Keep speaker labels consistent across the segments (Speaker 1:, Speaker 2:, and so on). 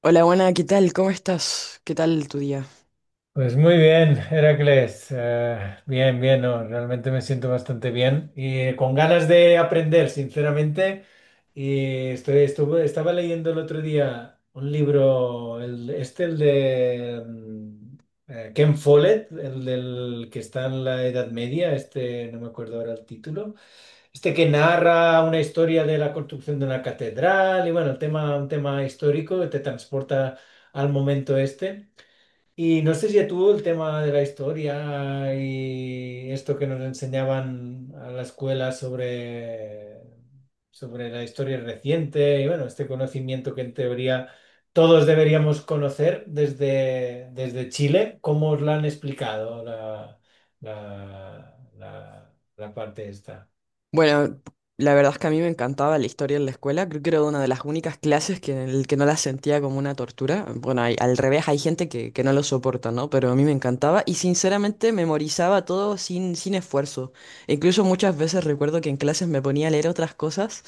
Speaker 1: Hola, buena, ¿qué tal? ¿Cómo estás? ¿Qué tal tu día?
Speaker 2: Pues muy bien, Heracles. Bien, bien, no, realmente me siento bastante bien y con ganas de aprender, sinceramente. Y estaba leyendo el otro día un libro, el, este, el de Ken Follett, el del que está en la Edad Media, este, no me acuerdo ahora el título. Este que narra una historia de la construcción de una catedral y bueno, el tema, un tema histórico que te transporta al momento este. Y no sé si a tú el tema de la historia y esto que nos enseñaban a la escuela sobre la historia reciente y bueno, este conocimiento que en teoría todos deberíamos conocer desde Chile, ¿cómo os la han explicado la parte esta?
Speaker 1: Bueno, la verdad es que a mí me encantaba la historia en la escuela. Creo que era una de las únicas clases que, en el que no la sentía como una tortura. Bueno, al revés, hay gente que no lo soporta, ¿no? Pero a mí me encantaba y sinceramente memorizaba todo sin esfuerzo. Incluso muchas veces recuerdo que en clases me ponía a leer otras cosas.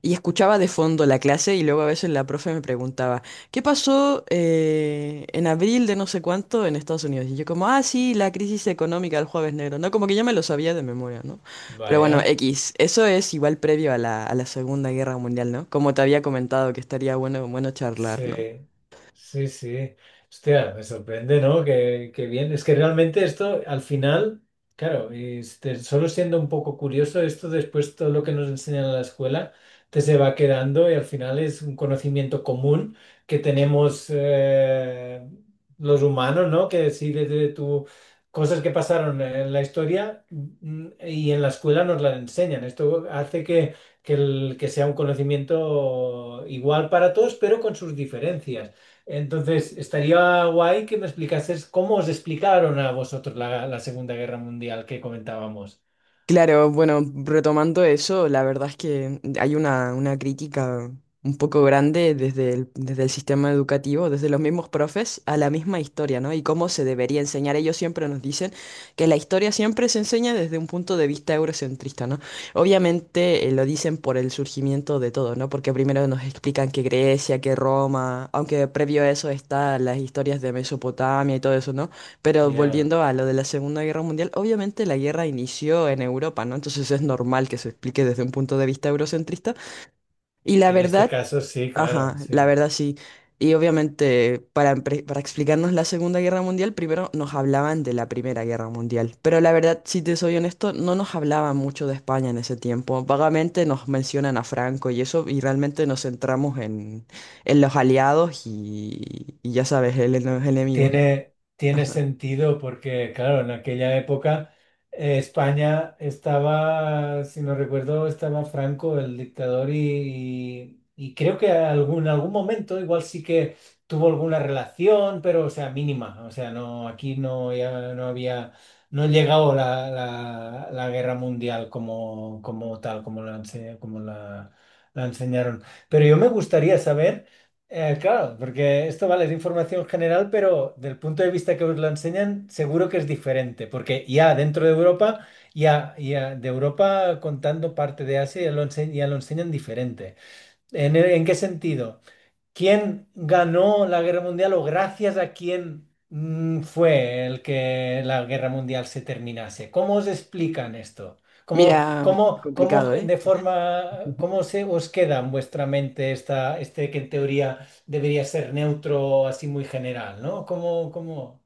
Speaker 1: Y escuchaba de fondo la clase y luego a veces la profe me preguntaba, ¿qué pasó en abril de no sé cuánto en Estados Unidos? Y yo como, ah, sí, la crisis económica del jueves negro, ¿no? Como que ya me lo sabía de memoria, ¿no? Pero bueno,
Speaker 2: Vaya.
Speaker 1: X, eso es igual previo a la Segunda Guerra Mundial, ¿no? Como te había comentado que estaría bueno, bueno charlar, ¿no?
Speaker 2: Sí, sí, sí. Hostia, me sorprende, ¿no? Que bien. Es que realmente esto, al final, claro, este, solo siendo un poco curioso, esto después todo lo que nos enseñan en la escuela te se va quedando y al final es un conocimiento común que tenemos los humanos, ¿no? Que sí, desde tu... Cosas que pasaron en la historia y en la escuela nos las enseñan. Esto hace que que sea un conocimiento igual para todos, pero con sus diferencias. Entonces, estaría guay que me explicases cómo os explicaron a vosotros la Segunda Guerra Mundial que comentábamos.
Speaker 1: Claro, bueno, retomando eso, la verdad es que hay una crítica un poco grande desde el sistema educativo, desde los mismos profes, a la misma historia, ¿no? Y cómo se debería enseñar. Ellos siempre nos dicen que la historia siempre se enseña desde un punto de vista eurocentrista, ¿no? Obviamente lo dicen por el surgimiento de todo, ¿no? Porque primero nos explican que Grecia, que Roma, aunque previo a eso está las historias de Mesopotamia y todo eso, ¿no? Pero
Speaker 2: Ya.
Speaker 1: volviendo a lo de la Segunda Guerra Mundial, obviamente la guerra inició en Europa, ¿no? Entonces es normal que se explique desde un punto de vista eurocentrista. Y la
Speaker 2: En este
Speaker 1: verdad,
Speaker 2: caso, sí, claro,
Speaker 1: ajá, la
Speaker 2: sí.
Speaker 1: verdad sí. Y obviamente para, para explicarnos la Segunda Guerra Mundial, primero nos hablaban de la Primera Guerra Mundial. Pero la verdad, si te soy honesto, no nos hablaban mucho de España en ese tiempo. Vagamente nos mencionan a Franco y eso, y realmente nos centramos en los aliados y ya sabes, en los enemigos.
Speaker 2: Tiene sentido porque, claro, en aquella época España estaba, si no recuerdo, estaba Franco, el dictador, y creo que en algún momento igual sí que tuvo alguna relación, pero, o sea, mínima. O sea, no, aquí no, ya no había, no ha llegado la guerra mundial como, como tal, como la enseñaron. Pero yo me gustaría saber... Claro, porque esto vale es información general, pero del punto de vista que os lo enseñan, seguro que es diferente, porque ya dentro de Europa, ya de Europa contando parte de Asia, ya lo enseñan diferente. ¿En qué sentido? ¿Quién ganó la guerra mundial o gracias a quién fue el que la guerra mundial se terminase? ¿Cómo os explican esto? ¿Cómo,
Speaker 1: Mira,
Speaker 2: cómo, cómo
Speaker 1: complicado, ¿eh?
Speaker 2: de forma, cómo se os queda en vuestra mente este que en teoría debería ser neutro, así muy general, ¿no? ¿Cómo?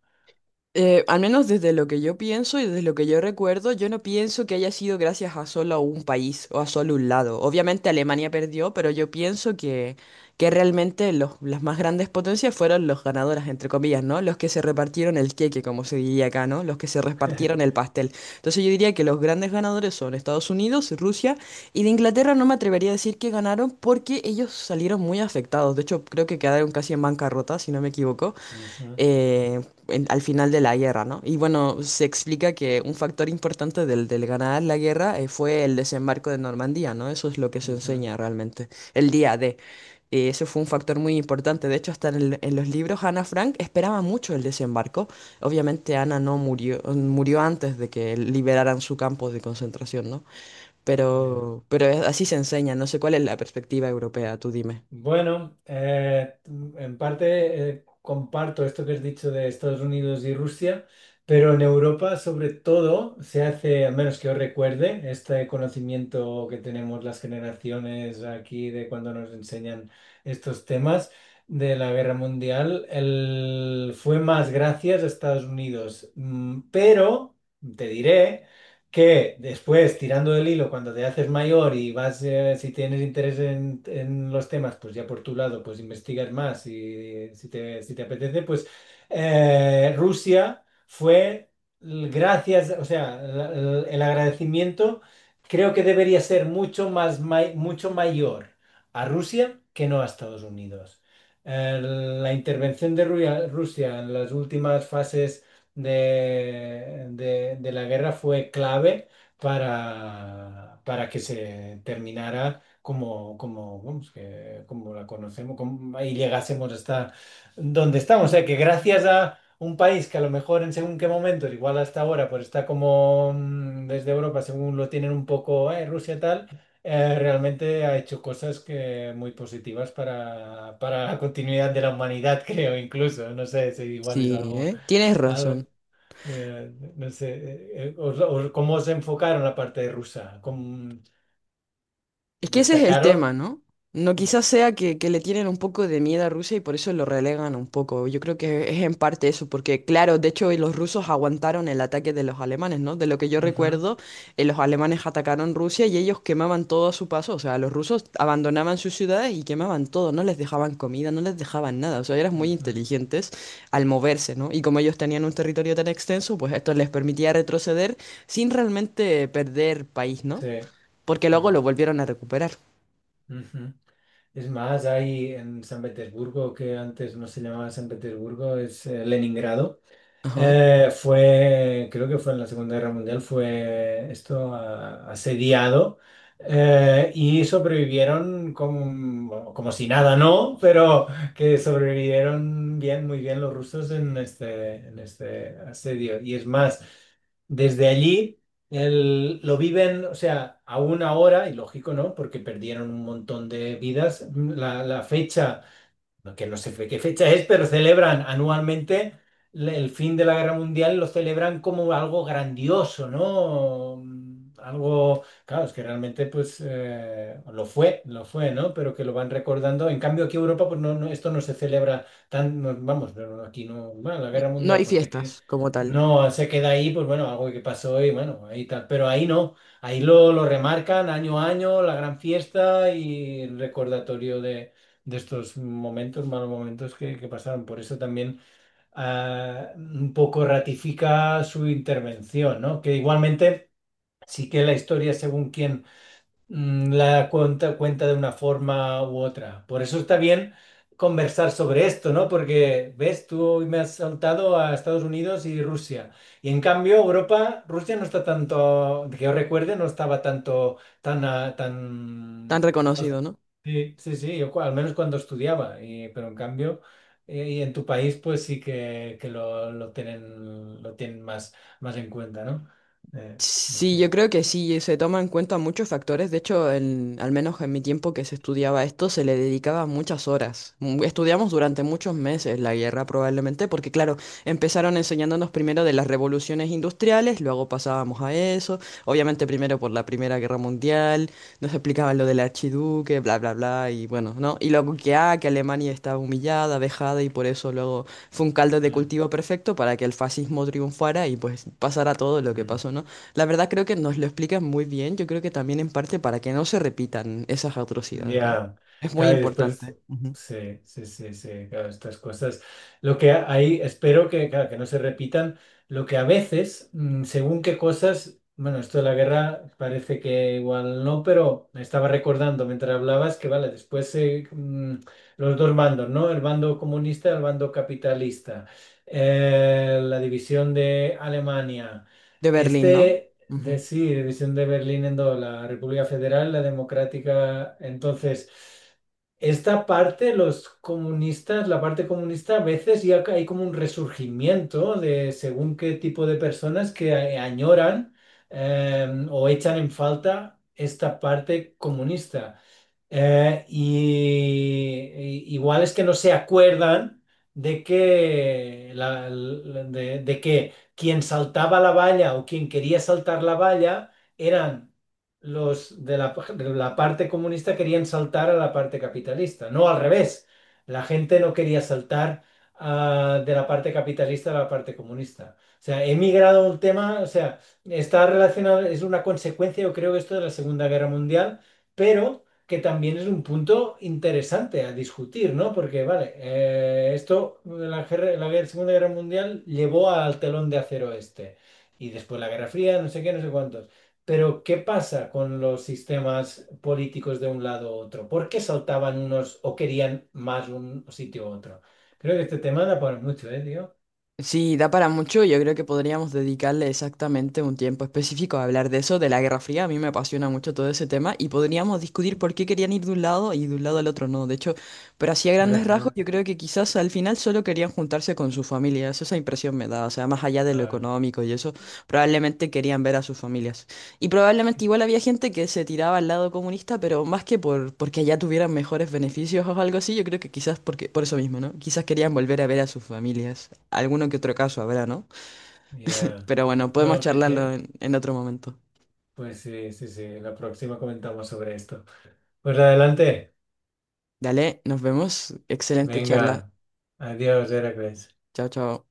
Speaker 1: Al menos desde lo que yo pienso y desde lo que yo recuerdo, yo no pienso que haya sido gracias a solo un país o a solo un lado. Obviamente Alemania perdió, pero yo pienso que realmente las más grandes potencias fueron los ganadores, entre comillas, ¿no? Los que se repartieron el queque, como se diría acá, ¿no? Los que se repartieron el pastel. Entonces yo diría que los grandes ganadores son Estados Unidos, Rusia y de Inglaterra no me atrevería a decir que ganaron porque ellos salieron muy afectados. De hecho, creo que quedaron casi en bancarrota, si no me equivoco.
Speaker 2: Ujú,
Speaker 1: eh, Al final de la guerra, ¿no? Y bueno, se explica que un factor importante del ganar la guerra fue el desembarco de Normandía, ¿no? Eso es lo que se
Speaker 2: ujú.
Speaker 1: enseña realmente, el día de. Eso fue un factor muy importante. De hecho, en los libros, Ana Frank esperaba mucho el desembarco. Obviamente, Ana no murió, murió antes de que liberaran su campo de concentración, ¿no?
Speaker 2: Ya.
Speaker 1: Pero así se enseña. No sé cuál es la perspectiva europea, tú dime.
Speaker 2: Bueno, en parte comparto esto que has dicho de Estados Unidos y Rusia, pero en Europa sobre todo se hace, al menos que yo recuerde, este conocimiento que tenemos las generaciones aquí de cuando nos enseñan estos temas de la guerra mundial, fue más gracias a Estados Unidos. Pero, te diré que después, tirando del hilo, cuando te haces mayor y vas, si tienes interés en los temas, pues ya por tu lado, pues investigas más y si te apetece, pues Rusia fue, gracias, o sea, el agradecimiento creo que debería ser mucho más, mucho mayor a Rusia que no a Estados Unidos. La intervención de Rusia en las últimas fases de la guerra fue clave para que se terminara como, vamos, que, como la conocemos y llegásemos hasta donde estamos. O sea, que gracias a un país que a lo mejor en según qué momento, igual hasta ahora, pues está como desde Europa, según lo tienen un poco, Rusia tal. Realmente ha hecho cosas que muy positivas para la continuidad de la humanidad, creo, incluso. No sé si igual es
Speaker 1: Sí,
Speaker 2: algo,
Speaker 1: ¿eh? Tienes razón.
Speaker 2: eh, no sé, ¿cómo os enfocaron la parte rusa? ¿Cómo
Speaker 1: Es que ese es el tema,
Speaker 2: destacaron?
Speaker 1: ¿no? No
Speaker 2: Mm,
Speaker 1: quizás sea que le tienen un poco de miedo a Rusia y por eso lo relegan un poco. Yo creo que es en parte eso, porque claro, de hecho los rusos aguantaron el ataque de los alemanes, ¿no? De lo que yo
Speaker 2: ujú,
Speaker 1: recuerdo, los alemanes atacaron Rusia y ellos quemaban todo a su paso. O sea, los rusos abandonaban sus ciudades y quemaban todo, no les dejaban comida, no les dejaban nada. O sea, eran muy
Speaker 2: ujú,
Speaker 1: inteligentes al moverse, ¿no? Y como ellos tenían un territorio tan extenso, pues esto les permitía retroceder sin realmente perder país, ¿no?
Speaker 2: sí.
Speaker 1: Porque luego
Speaker 2: Mm,
Speaker 1: lo volvieron a recuperar.
Speaker 2: ujú. Es más, hay en San Petersburgo, que antes no se llamaba San Petersburgo, es Leningrado.
Speaker 1: Ajá.
Speaker 2: Fue, creo que fue en la Segunda Guerra Mundial, fue esto asediado y sobrevivieron como, bueno, como si nada, ¿no? Pero que sobrevivieron bien, muy bien los rusos en este asedio. Y es más, desde allí lo viven, o sea, aún ahora, y lógico, ¿no? Porque perdieron un montón de vidas, la fecha que no sé qué fecha es, pero celebran anualmente el fin de la Guerra Mundial, lo celebran como algo grandioso, ¿no? Algo, claro, es que realmente pues lo fue, ¿no? Pero que lo van recordando. En cambio aquí en Europa pues no, no, esto no se celebra tan, no, vamos, no, no, aquí no, bueno, la Guerra
Speaker 1: No
Speaker 2: Mundial
Speaker 1: hay
Speaker 2: pues te queda,
Speaker 1: fiestas como tal,
Speaker 2: no se queda ahí, pues bueno, algo que pasó y bueno, ahí tal, pero ahí no. Ahí lo remarcan año a año, la gran fiesta y el recordatorio de estos momentos, malos momentos que pasaron. Por eso también un poco ratifica su intervención, ¿no? Que igualmente sí que la historia, según quién la cuenta, cuenta de una forma u otra. Por eso está bien conversar sobre esto, ¿no? Porque, ves, tú hoy me has saltado a Estados Unidos y Rusia. Y en cambio, Europa, Rusia no está tanto, que yo recuerde, no estaba tanto, tan,
Speaker 1: tan
Speaker 2: tan... no es-
Speaker 1: reconocido, ¿no?
Speaker 2: Sí, sí, sí, yo al menos cuando estudiaba, pero en cambio, y en tu país, pues sí que lo tienen más, más en cuenta, ¿no? Eh, no
Speaker 1: Sí, yo
Speaker 2: sé.
Speaker 1: creo que sí, se toman en cuenta muchos factores. De hecho, al menos en mi tiempo que se estudiaba esto, se le dedicaba muchas horas. Mm, estudiamos durante muchos meses la guerra probablemente, porque claro, empezaron enseñándonos primero de las revoluciones industriales, luego pasábamos a eso, obviamente primero por la Primera Guerra Mundial, nos explicaban lo del archiduque, bla, bla, bla, y bueno, ¿no? Y luego que, ah, que Alemania estaba humillada, vejada, y por eso luego fue un caldo de cultivo perfecto para que el fascismo triunfara y pues pasara todo lo que
Speaker 2: Mm.
Speaker 1: pasó, ¿no? La verdad creo que nos lo explican muy bien, yo creo que también en parte para que no se repitan esas atrocidades, ¿no?
Speaker 2: Ya,
Speaker 1: Es muy
Speaker 2: claro, y después,
Speaker 1: importante. Ujú.
Speaker 2: sí, sí, sí, sí, claro, estas cosas. Lo que ahí espero que, claro, que no se repitan, lo que a veces, según qué cosas, bueno, esto de la guerra parece que igual no, pero me estaba recordando mientras hablabas que, vale, después los dos bandos, ¿no? El bando comunista y el bando capitalista. La división de Alemania.
Speaker 1: De Berlín, ¿no?
Speaker 2: Este...
Speaker 1: Ujú.
Speaker 2: Sí, división de Berlín en dos, la República Federal, la Democrática. Entonces, esta parte, los comunistas, la parte comunista, a veces ya hay como un resurgimiento de según qué tipo de personas que añoran o echan en falta esta parte comunista. Igual es que no se acuerdan de que quien saltaba la valla o quien quería saltar la valla eran los de la parte comunista querían saltar a la parte capitalista, no al revés. La gente no quería saltar de la parte capitalista a la parte comunista. O sea, he migrado un tema, o sea, está relacionado, es una consecuencia, yo creo, esto de la Segunda Guerra Mundial, pero que también es un punto interesante a discutir, ¿no? Porque, vale, esto, la guerra- Segunda Guerra Mundial llevó al telón de acero este, y después la Guerra Fría, no sé qué, no sé cuántos. Pero, ¿qué pasa con los sistemas políticos de un lado u otro? ¿Por qué saltaban unos o querían más un sitio u otro? Creo que este tema da para mucho, ¿eh, tío?
Speaker 1: Sí, da para mucho, yo creo que podríamos dedicarle exactamente un tiempo específico a hablar de eso, de la Guerra Fría, a mí me apasiona mucho todo ese tema y podríamos discutir por qué querían ir de un lado y de un lado al otro no, de hecho, pero así a grandes rasgos
Speaker 2: Ajá.
Speaker 1: yo creo que quizás al final solo querían juntarse con su familia, esa impresión me da, o sea, más allá de lo
Speaker 2: Ah,
Speaker 1: económico y eso, probablemente querían ver a sus familias. Y
Speaker 2: qué-
Speaker 1: probablemente igual había gente que se tiraba al lado comunista, pero más que por porque allá tuvieran mejores beneficios o algo así, yo creo que quizás porque por eso mismo, ¿no? Quizás querían volver a ver a sus familias. Alguno que otro caso habrá, ¿no?
Speaker 2: ya,
Speaker 1: Pero bueno,
Speaker 2: ya.
Speaker 1: podemos
Speaker 2: No, que
Speaker 1: charlarlo
Speaker 2: te...
Speaker 1: en otro momento.
Speaker 2: Pues sí, sí, sí, la próxima comentamos sobre esto. Pues adelante.
Speaker 1: Dale, nos vemos. Excelente charla.
Speaker 2: Venga, adiós, Heracles.
Speaker 1: Chao, chao.